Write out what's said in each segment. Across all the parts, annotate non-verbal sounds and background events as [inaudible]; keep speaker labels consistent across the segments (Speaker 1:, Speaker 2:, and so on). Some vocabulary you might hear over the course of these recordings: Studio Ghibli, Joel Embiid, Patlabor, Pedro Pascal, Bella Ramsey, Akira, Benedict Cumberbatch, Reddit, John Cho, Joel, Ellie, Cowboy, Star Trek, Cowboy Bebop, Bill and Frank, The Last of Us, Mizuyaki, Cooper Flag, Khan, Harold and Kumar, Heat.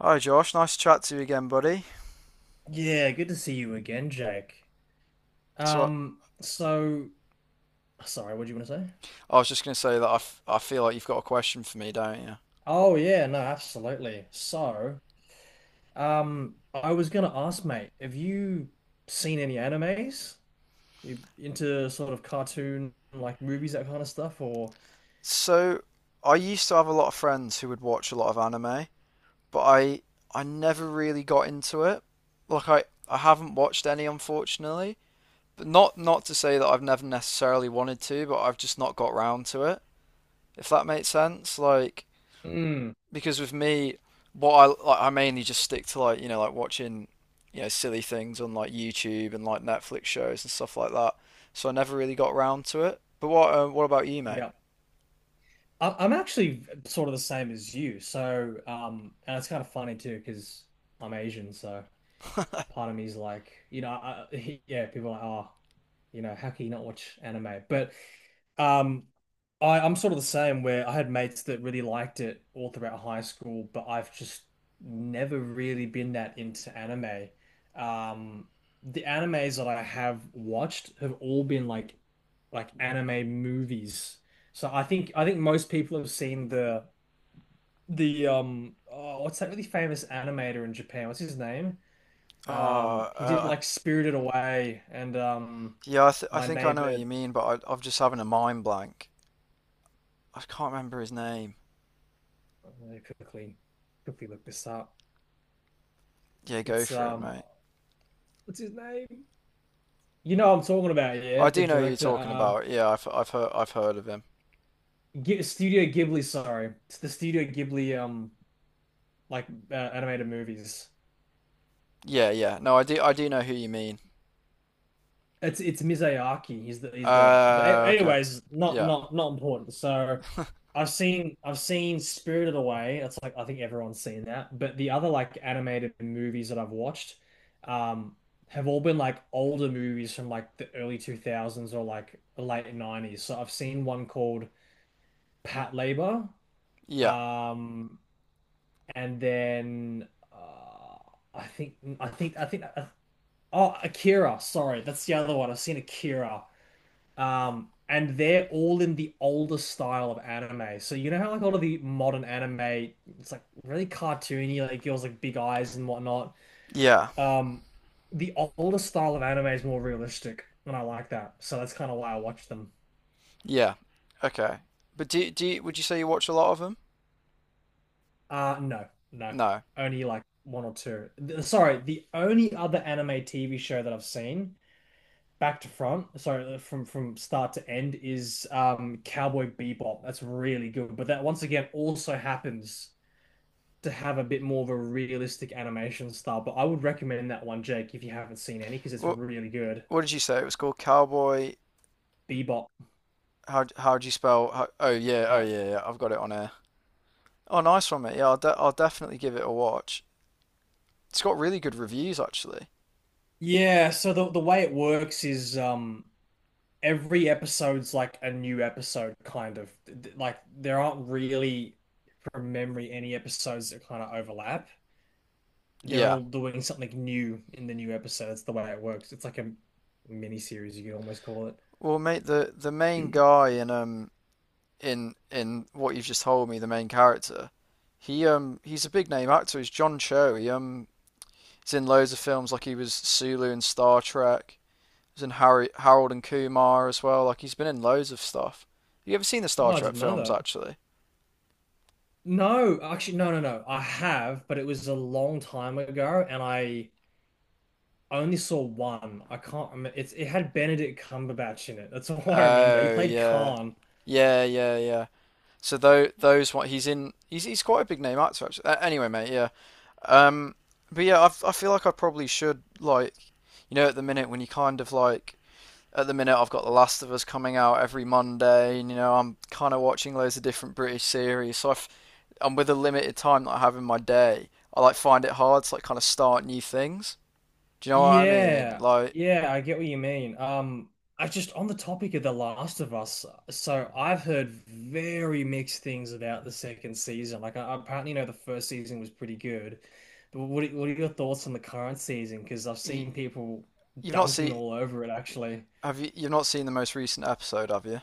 Speaker 1: Hi, Josh. Nice to chat to you again, buddy.
Speaker 2: Yeah, good to see you again, Jake.
Speaker 1: So,
Speaker 2: Um, so Sorry, what do you want to say?
Speaker 1: I was just going to say that I feel like you've got a question for me, don't you?
Speaker 2: Oh yeah, no, absolutely. I was gonna ask, mate, have you seen any animes? You into sort of cartoon like movies, that kind of stuff, or
Speaker 1: So I used to have a lot of friends who would watch a lot of anime, but I never really got into it. Like I haven't watched any, unfortunately. But not to say that I've never necessarily wanted to, but I've just not got round to it. If that makes sense, like.
Speaker 2: mm,
Speaker 1: Because with me, what I like, I mainly just stick to like like watching silly things on like YouTube and like Netflix shows and stuff like that. So I never really got round to it. But what about you, mate?
Speaker 2: yeah.
Speaker 1: [laughs]
Speaker 2: I'm actually sort of the same as you. So, and it's kind of funny too, because I'm Asian, so part of me is like, you know, I, [laughs] yeah, people are like, oh, you know, how can you not watch anime? But Um, I'm sort of the same where I had mates that really liked it all throughout high school, but I've just never really been that into anime. Um, the animes that I have watched have all been like anime movies. So I think most people have seen the oh, what's that really famous animator in Japan? What's his name?
Speaker 1: Oh,
Speaker 2: He did like Spirited Away and
Speaker 1: yeah, I
Speaker 2: My
Speaker 1: think I know what
Speaker 2: Neighbor.
Speaker 1: you mean, but I'm just having a mind blank. I can't remember his name.
Speaker 2: I quickly quickly look this up.
Speaker 1: Yeah, go
Speaker 2: It's
Speaker 1: for it, mate.
Speaker 2: what's his name? You know what I'm talking about, yeah.
Speaker 1: I
Speaker 2: The
Speaker 1: do know who you're
Speaker 2: director,
Speaker 1: talking about. Yeah, I've heard of him.
Speaker 2: G Studio Ghibli. Sorry, it's the Studio Ghibli animated movies.
Speaker 1: Yeah, yeah. No, I do know who you mean.
Speaker 2: It's Mizuyaki. He's the, but
Speaker 1: Okay.
Speaker 2: anyways, not
Speaker 1: Yeah,
Speaker 2: not not important. So I've seen Spirited Away. It's like I think everyone's seen that. But the other like animated movies that I've watched um have all been like older movies from like the early 2000s or like late 90s. So I've seen one called Pat Labor.
Speaker 1: yeah,
Speaker 2: Um and then I think I think I think oh Akira, sorry. That's the other one. I've seen Akira. And they're all in the older style of anime. So you know how like a lot of the modern anime, it's like really cartoony, like girls like big eyes and whatnot.
Speaker 1: yeah.
Speaker 2: Um, the older style of anime is more realistic, and I like that. So that's kind of why I watch them.
Speaker 1: Yeah. Okay. But would you say you watch a lot of them?
Speaker 2: No, no,
Speaker 1: No.
Speaker 2: only like one or two. Sorry, the only other anime TV show that I've seen back to front, sorry, from start to end is Cowboy Bebop. That's really good, but that once again also happens to have a bit more of a realistic animation style. But I would recommend that one, Jake, if you haven't seen any, because it's
Speaker 1: What
Speaker 2: really good.
Speaker 1: what did you say it was called? Cowboy.
Speaker 2: Bebop.
Speaker 1: How do you spell? Oh yeah. Oh
Speaker 2: Uh,
Speaker 1: yeah. Yeah. I've got it on here. Oh, nice one, mate. Yeah, I'll definitely give it a watch. It's got really good reviews actually.
Speaker 2: yeah, so the way it works is every episode's like a new episode kind of like there aren't really from memory any episodes that kind of overlap. They're
Speaker 1: Yeah.
Speaker 2: all doing something new in the new episode. That's the way it works. It's like a mini series, you could almost call it.
Speaker 1: Well, mate, the main guy in in what you've just told me, the main character, he he's a big name actor. He's John Cho. He he's in loads of films like he was Sulu in Star Trek. He's in Harry, Harold and Kumar as well. Like he's been in loads of stuff. Have you ever seen the
Speaker 2: Oh,
Speaker 1: Star
Speaker 2: I
Speaker 1: Trek
Speaker 2: didn't know
Speaker 1: films
Speaker 2: that.
Speaker 1: actually?
Speaker 2: No, actually, no, no, no. I have, but it was a long time ago, and I only saw one. I can't remember. It's it had Benedict Cumberbatch in it. That's [laughs] all I remember. He
Speaker 1: Oh
Speaker 2: played
Speaker 1: yeah,
Speaker 2: Khan.
Speaker 1: yeah, yeah, yeah. So though those one he's in he's quite a big name actor actually. Anyway, mate, yeah. Um, but yeah, I feel like I probably should like you know at the minute when you kind of like at the minute I've got The Last of Us coming out every Monday, and I'm kind of watching loads of different British series. So I've, and with a limited time that I have in my day, I like find it hard to like kind of start new things. Do you know what I mean?
Speaker 2: Yeah,
Speaker 1: Like
Speaker 2: yeah, I get what you mean. I just on the topic of The Last of Us. So I've heard very mixed things about the second season. Like I apparently know the first season was pretty good, but what are your thoughts on the current season? Because I've
Speaker 1: you,
Speaker 2: seen people
Speaker 1: you've not
Speaker 2: dunking
Speaker 1: seen
Speaker 2: all over it actually.
Speaker 1: you've not seen the most recent episode, have you?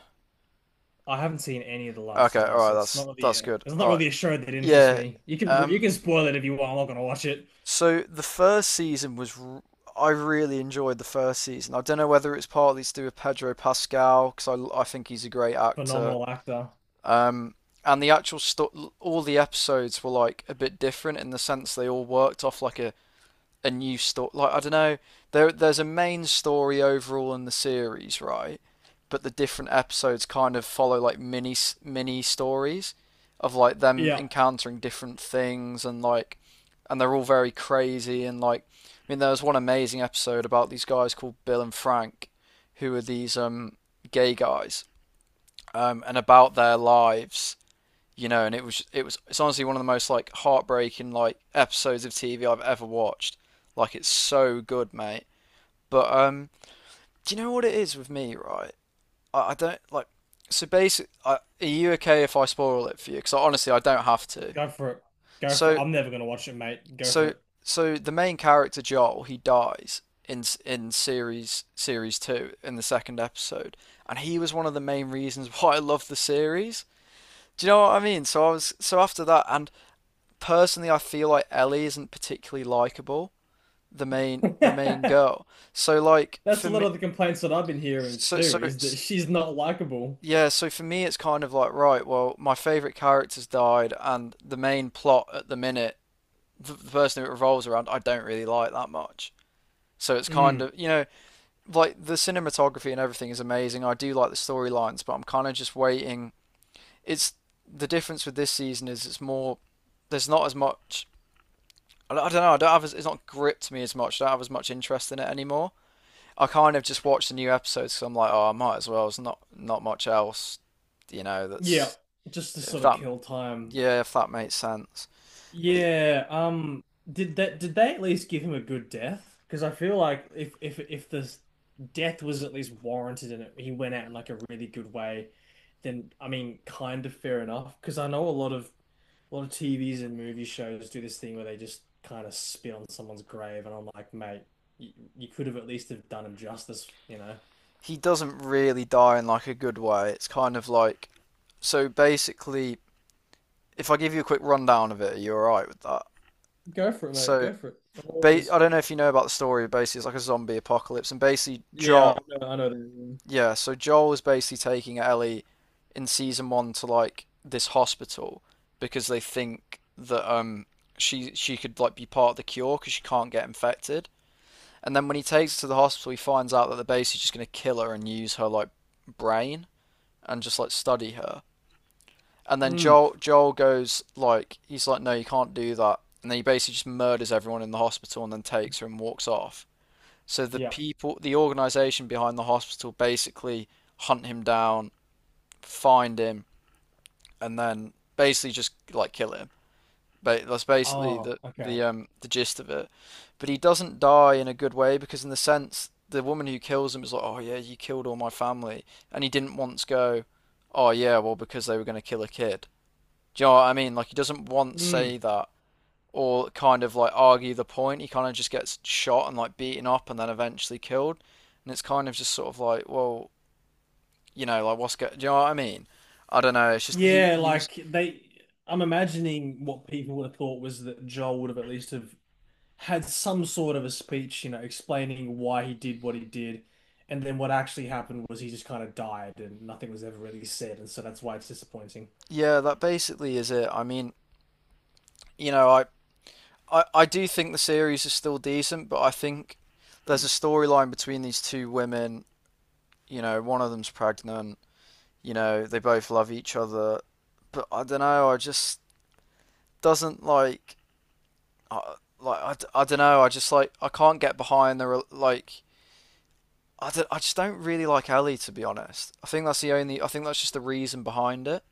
Speaker 2: I haven't seen any of The Last
Speaker 1: Okay,
Speaker 2: of
Speaker 1: all
Speaker 2: Us.
Speaker 1: right, that's that's good.
Speaker 2: It's not
Speaker 1: All right,
Speaker 2: really a show that interests
Speaker 1: yeah.
Speaker 2: me. You can
Speaker 1: Um,
Speaker 2: spoil it if you want. I'm not gonna watch it.
Speaker 1: so the first season was r- I really enjoyed the first season. I don't know whether it's partly to do with Pedro Pascal because I think he's a great actor.
Speaker 2: Phenomenal actor.
Speaker 1: Um, and all the episodes were like a bit different in the sense they all worked off like a new story. Like I don't know, there's a main story overall in the series, right? But the different episodes kind of follow like mini stories of like them
Speaker 2: Yeah,
Speaker 1: encountering different things, and like, and they're all very crazy and like, I mean there was one amazing episode about these guys called Bill and Frank, who are these gay guys, and about their lives, and it's honestly one of the most like heartbreaking like episodes of TV I've ever watched. Like it's so good, mate. But do you know what it is with me, right? I don't like. So are you okay if I spoil it for you? Because honestly, I don't have to.
Speaker 2: go for it. Go for it.
Speaker 1: So
Speaker 2: I'm never gonna watch it, mate. Go for
Speaker 1: so
Speaker 2: it.
Speaker 1: so the main character Joel, he dies in in series two in the second episode, and he was one of the main reasons [laughs] why I loved the series. Do you know what I mean? So I was so after that, and personally, I feel like Ellie isn't particularly likable, the main
Speaker 2: [laughs]
Speaker 1: girl. So like
Speaker 2: That's
Speaker 1: for
Speaker 2: a lot
Speaker 1: me,
Speaker 2: of the complaints that I've been hearing
Speaker 1: so
Speaker 2: too, is that
Speaker 1: it's,
Speaker 2: she's not likable.
Speaker 1: yeah. So for me, it's kind of like, right. Well, my favorite character's died, and the main plot at the minute, the person who it revolves around, I don't really like that much. So it's kind
Speaker 2: Mm.
Speaker 1: of, like the cinematography and everything is amazing. I do like the storylines, but I'm kind of just waiting. It's the difference with this season is it's more, there's not as much, I don't know. I don't have. It's not gripped me as much. I don't have as much interest in it anymore. I kind of just watch the new episodes because I'm like, oh, I might as well. There's not much else, you know.
Speaker 2: Yeah,
Speaker 1: That's
Speaker 2: just to
Speaker 1: if
Speaker 2: sort of
Speaker 1: that
Speaker 2: kill time.
Speaker 1: yeah, If that makes sense. But he-
Speaker 2: Yeah, did that did they at least give him a good death? Because I feel like if this death was at least warranted and he went out in like a really good way, then I mean, kind of fair enough. Because I know a lot of TVs and movie shows do this thing where they just kind of spit on someone's grave, and I'm like, mate, you, you could have at least have done him justice, you know?
Speaker 1: doesn't really die in like a good way. It's kind of like, so basically. If I give you a quick rundown of it, are you all right with that?
Speaker 2: Go for it, mate.
Speaker 1: So,
Speaker 2: Go for it. I'm always.
Speaker 1: I don't know if you know about the story. Basically, it's like a zombie apocalypse, and basically,
Speaker 2: Yeah,
Speaker 1: Jock.
Speaker 2: I know that.
Speaker 1: Yeah, so Joel is basically taking Ellie in season one to like this hospital because they think that she could like be part of the cure because she can't get infected. And then when he takes her to the hospital, he finds out that they're basically just gonna kill her and use her like brain and just like study her. And then
Speaker 2: Mm,
Speaker 1: Joel goes like he's like, no, you can't do that. And then he basically just murders everyone in the hospital and then takes her and walks off. So the
Speaker 2: yeah.
Speaker 1: people, the organization behind the hospital, basically hunt him down, find him, and then basically just like kill him. But that's basically
Speaker 2: Oh, okay.
Speaker 1: the gist of it. But he doesn't die in a good way because in the sense the woman who kills him is like, oh yeah, you killed all my family, and he didn't once go, oh yeah, well because they were going to kill a kid. Do you know what I mean? Like he doesn't once
Speaker 2: Mm.
Speaker 1: say that or kind of like argue the point. He kind of just gets shot and like beaten up and then eventually killed. And it's kind of just sort of like, well, like do you know what I mean? I don't know. It's just he
Speaker 2: Yeah,
Speaker 1: he was.
Speaker 2: like I'm imagining what people would have thought was that Joel would have at least have had some sort of a speech, you know, explaining why he did what he did, and then what actually happened was he just kind of died and nothing was ever really said, and so that's why it's disappointing.
Speaker 1: Yeah, that basically is it. I mean, you know, I do think the series is still decent, but I think there's a storyline between these two women. You know, one of them's pregnant. You know, they both love each other, but I don't know. I just doesn't like, I, like I don't know. I just like I can't get behind the like. I just don't really like Ellie, to be honest. I think that's the only. I think that's just the reason behind it.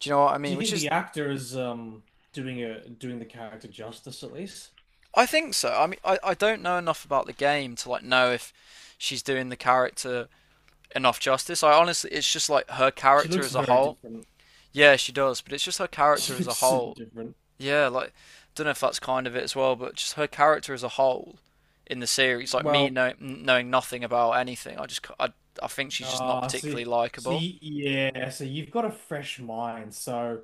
Speaker 1: Do you know what I
Speaker 2: Do
Speaker 1: mean?
Speaker 2: you
Speaker 1: Which
Speaker 2: think
Speaker 1: is,
Speaker 2: the actor is doing a doing the character justice at least?
Speaker 1: I think so. I mean, I don't know enough about the game to like know if she's doing the character enough justice. I honestly, it's just like her
Speaker 2: She
Speaker 1: character
Speaker 2: looks
Speaker 1: as a
Speaker 2: very
Speaker 1: whole.
Speaker 2: different. [laughs]
Speaker 1: Yeah, she does, but it's just her
Speaker 2: She
Speaker 1: character as a
Speaker 2: looks super
Speaker 1: whole.
Speaker 2: different.
Speaker 1: Yeah, like, don't know if that's kind of it as well, but just her character as a whole in the series, like me
Speaker 2: Well,
Speaker 1: know, knowing nothing about anything. I think she's just not
Speaker 2: ah, see,
Speaker 1: particularly likable.
Speaker 2: see, yeah. So you've got a fresh mind. So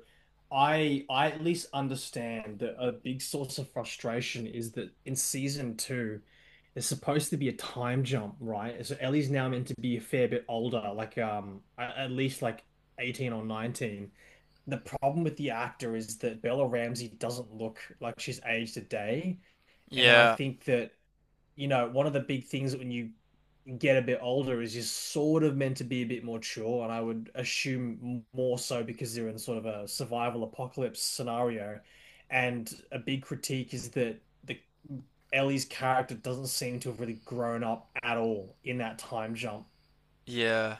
Speaker 2: I at least understand that a big source of frustration is that in season two, there's supposed to be a time jump, right? So Ellie's now meant to be a fair bit older, like at least like 18 or 19. The problem with the actor is that Bella Ramsey doesn't look like she's aged a day. And then I
Speaker 1: Yeah,
Speaker 2: think that, you know, one of the big things when you get a bit older is just sort of meant to be a bit more mature, and I would assume more so because they're in sort of a survival apocalypse scenario. And a big critique is that the Ellie's character doesn't seem to have really grown up at all in that time jump.
Speaker 1: yeah.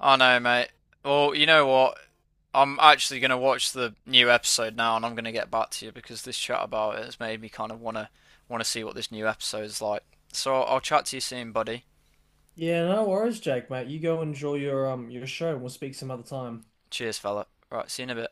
Speaker 1: I know, mate. Well, you know what? I'm actually going to watch the new episode now, and I'm going to get back to you because this chat about it has made me kind of want to see what this new episode is like. So I'll chat to you soon, buddy.
Speaker 2: Yeah, no worries, Jake, mate. You go enjoy your show and we'll speak some other time.
Speaker 1: Cheers, fella. Right, see you in a bit.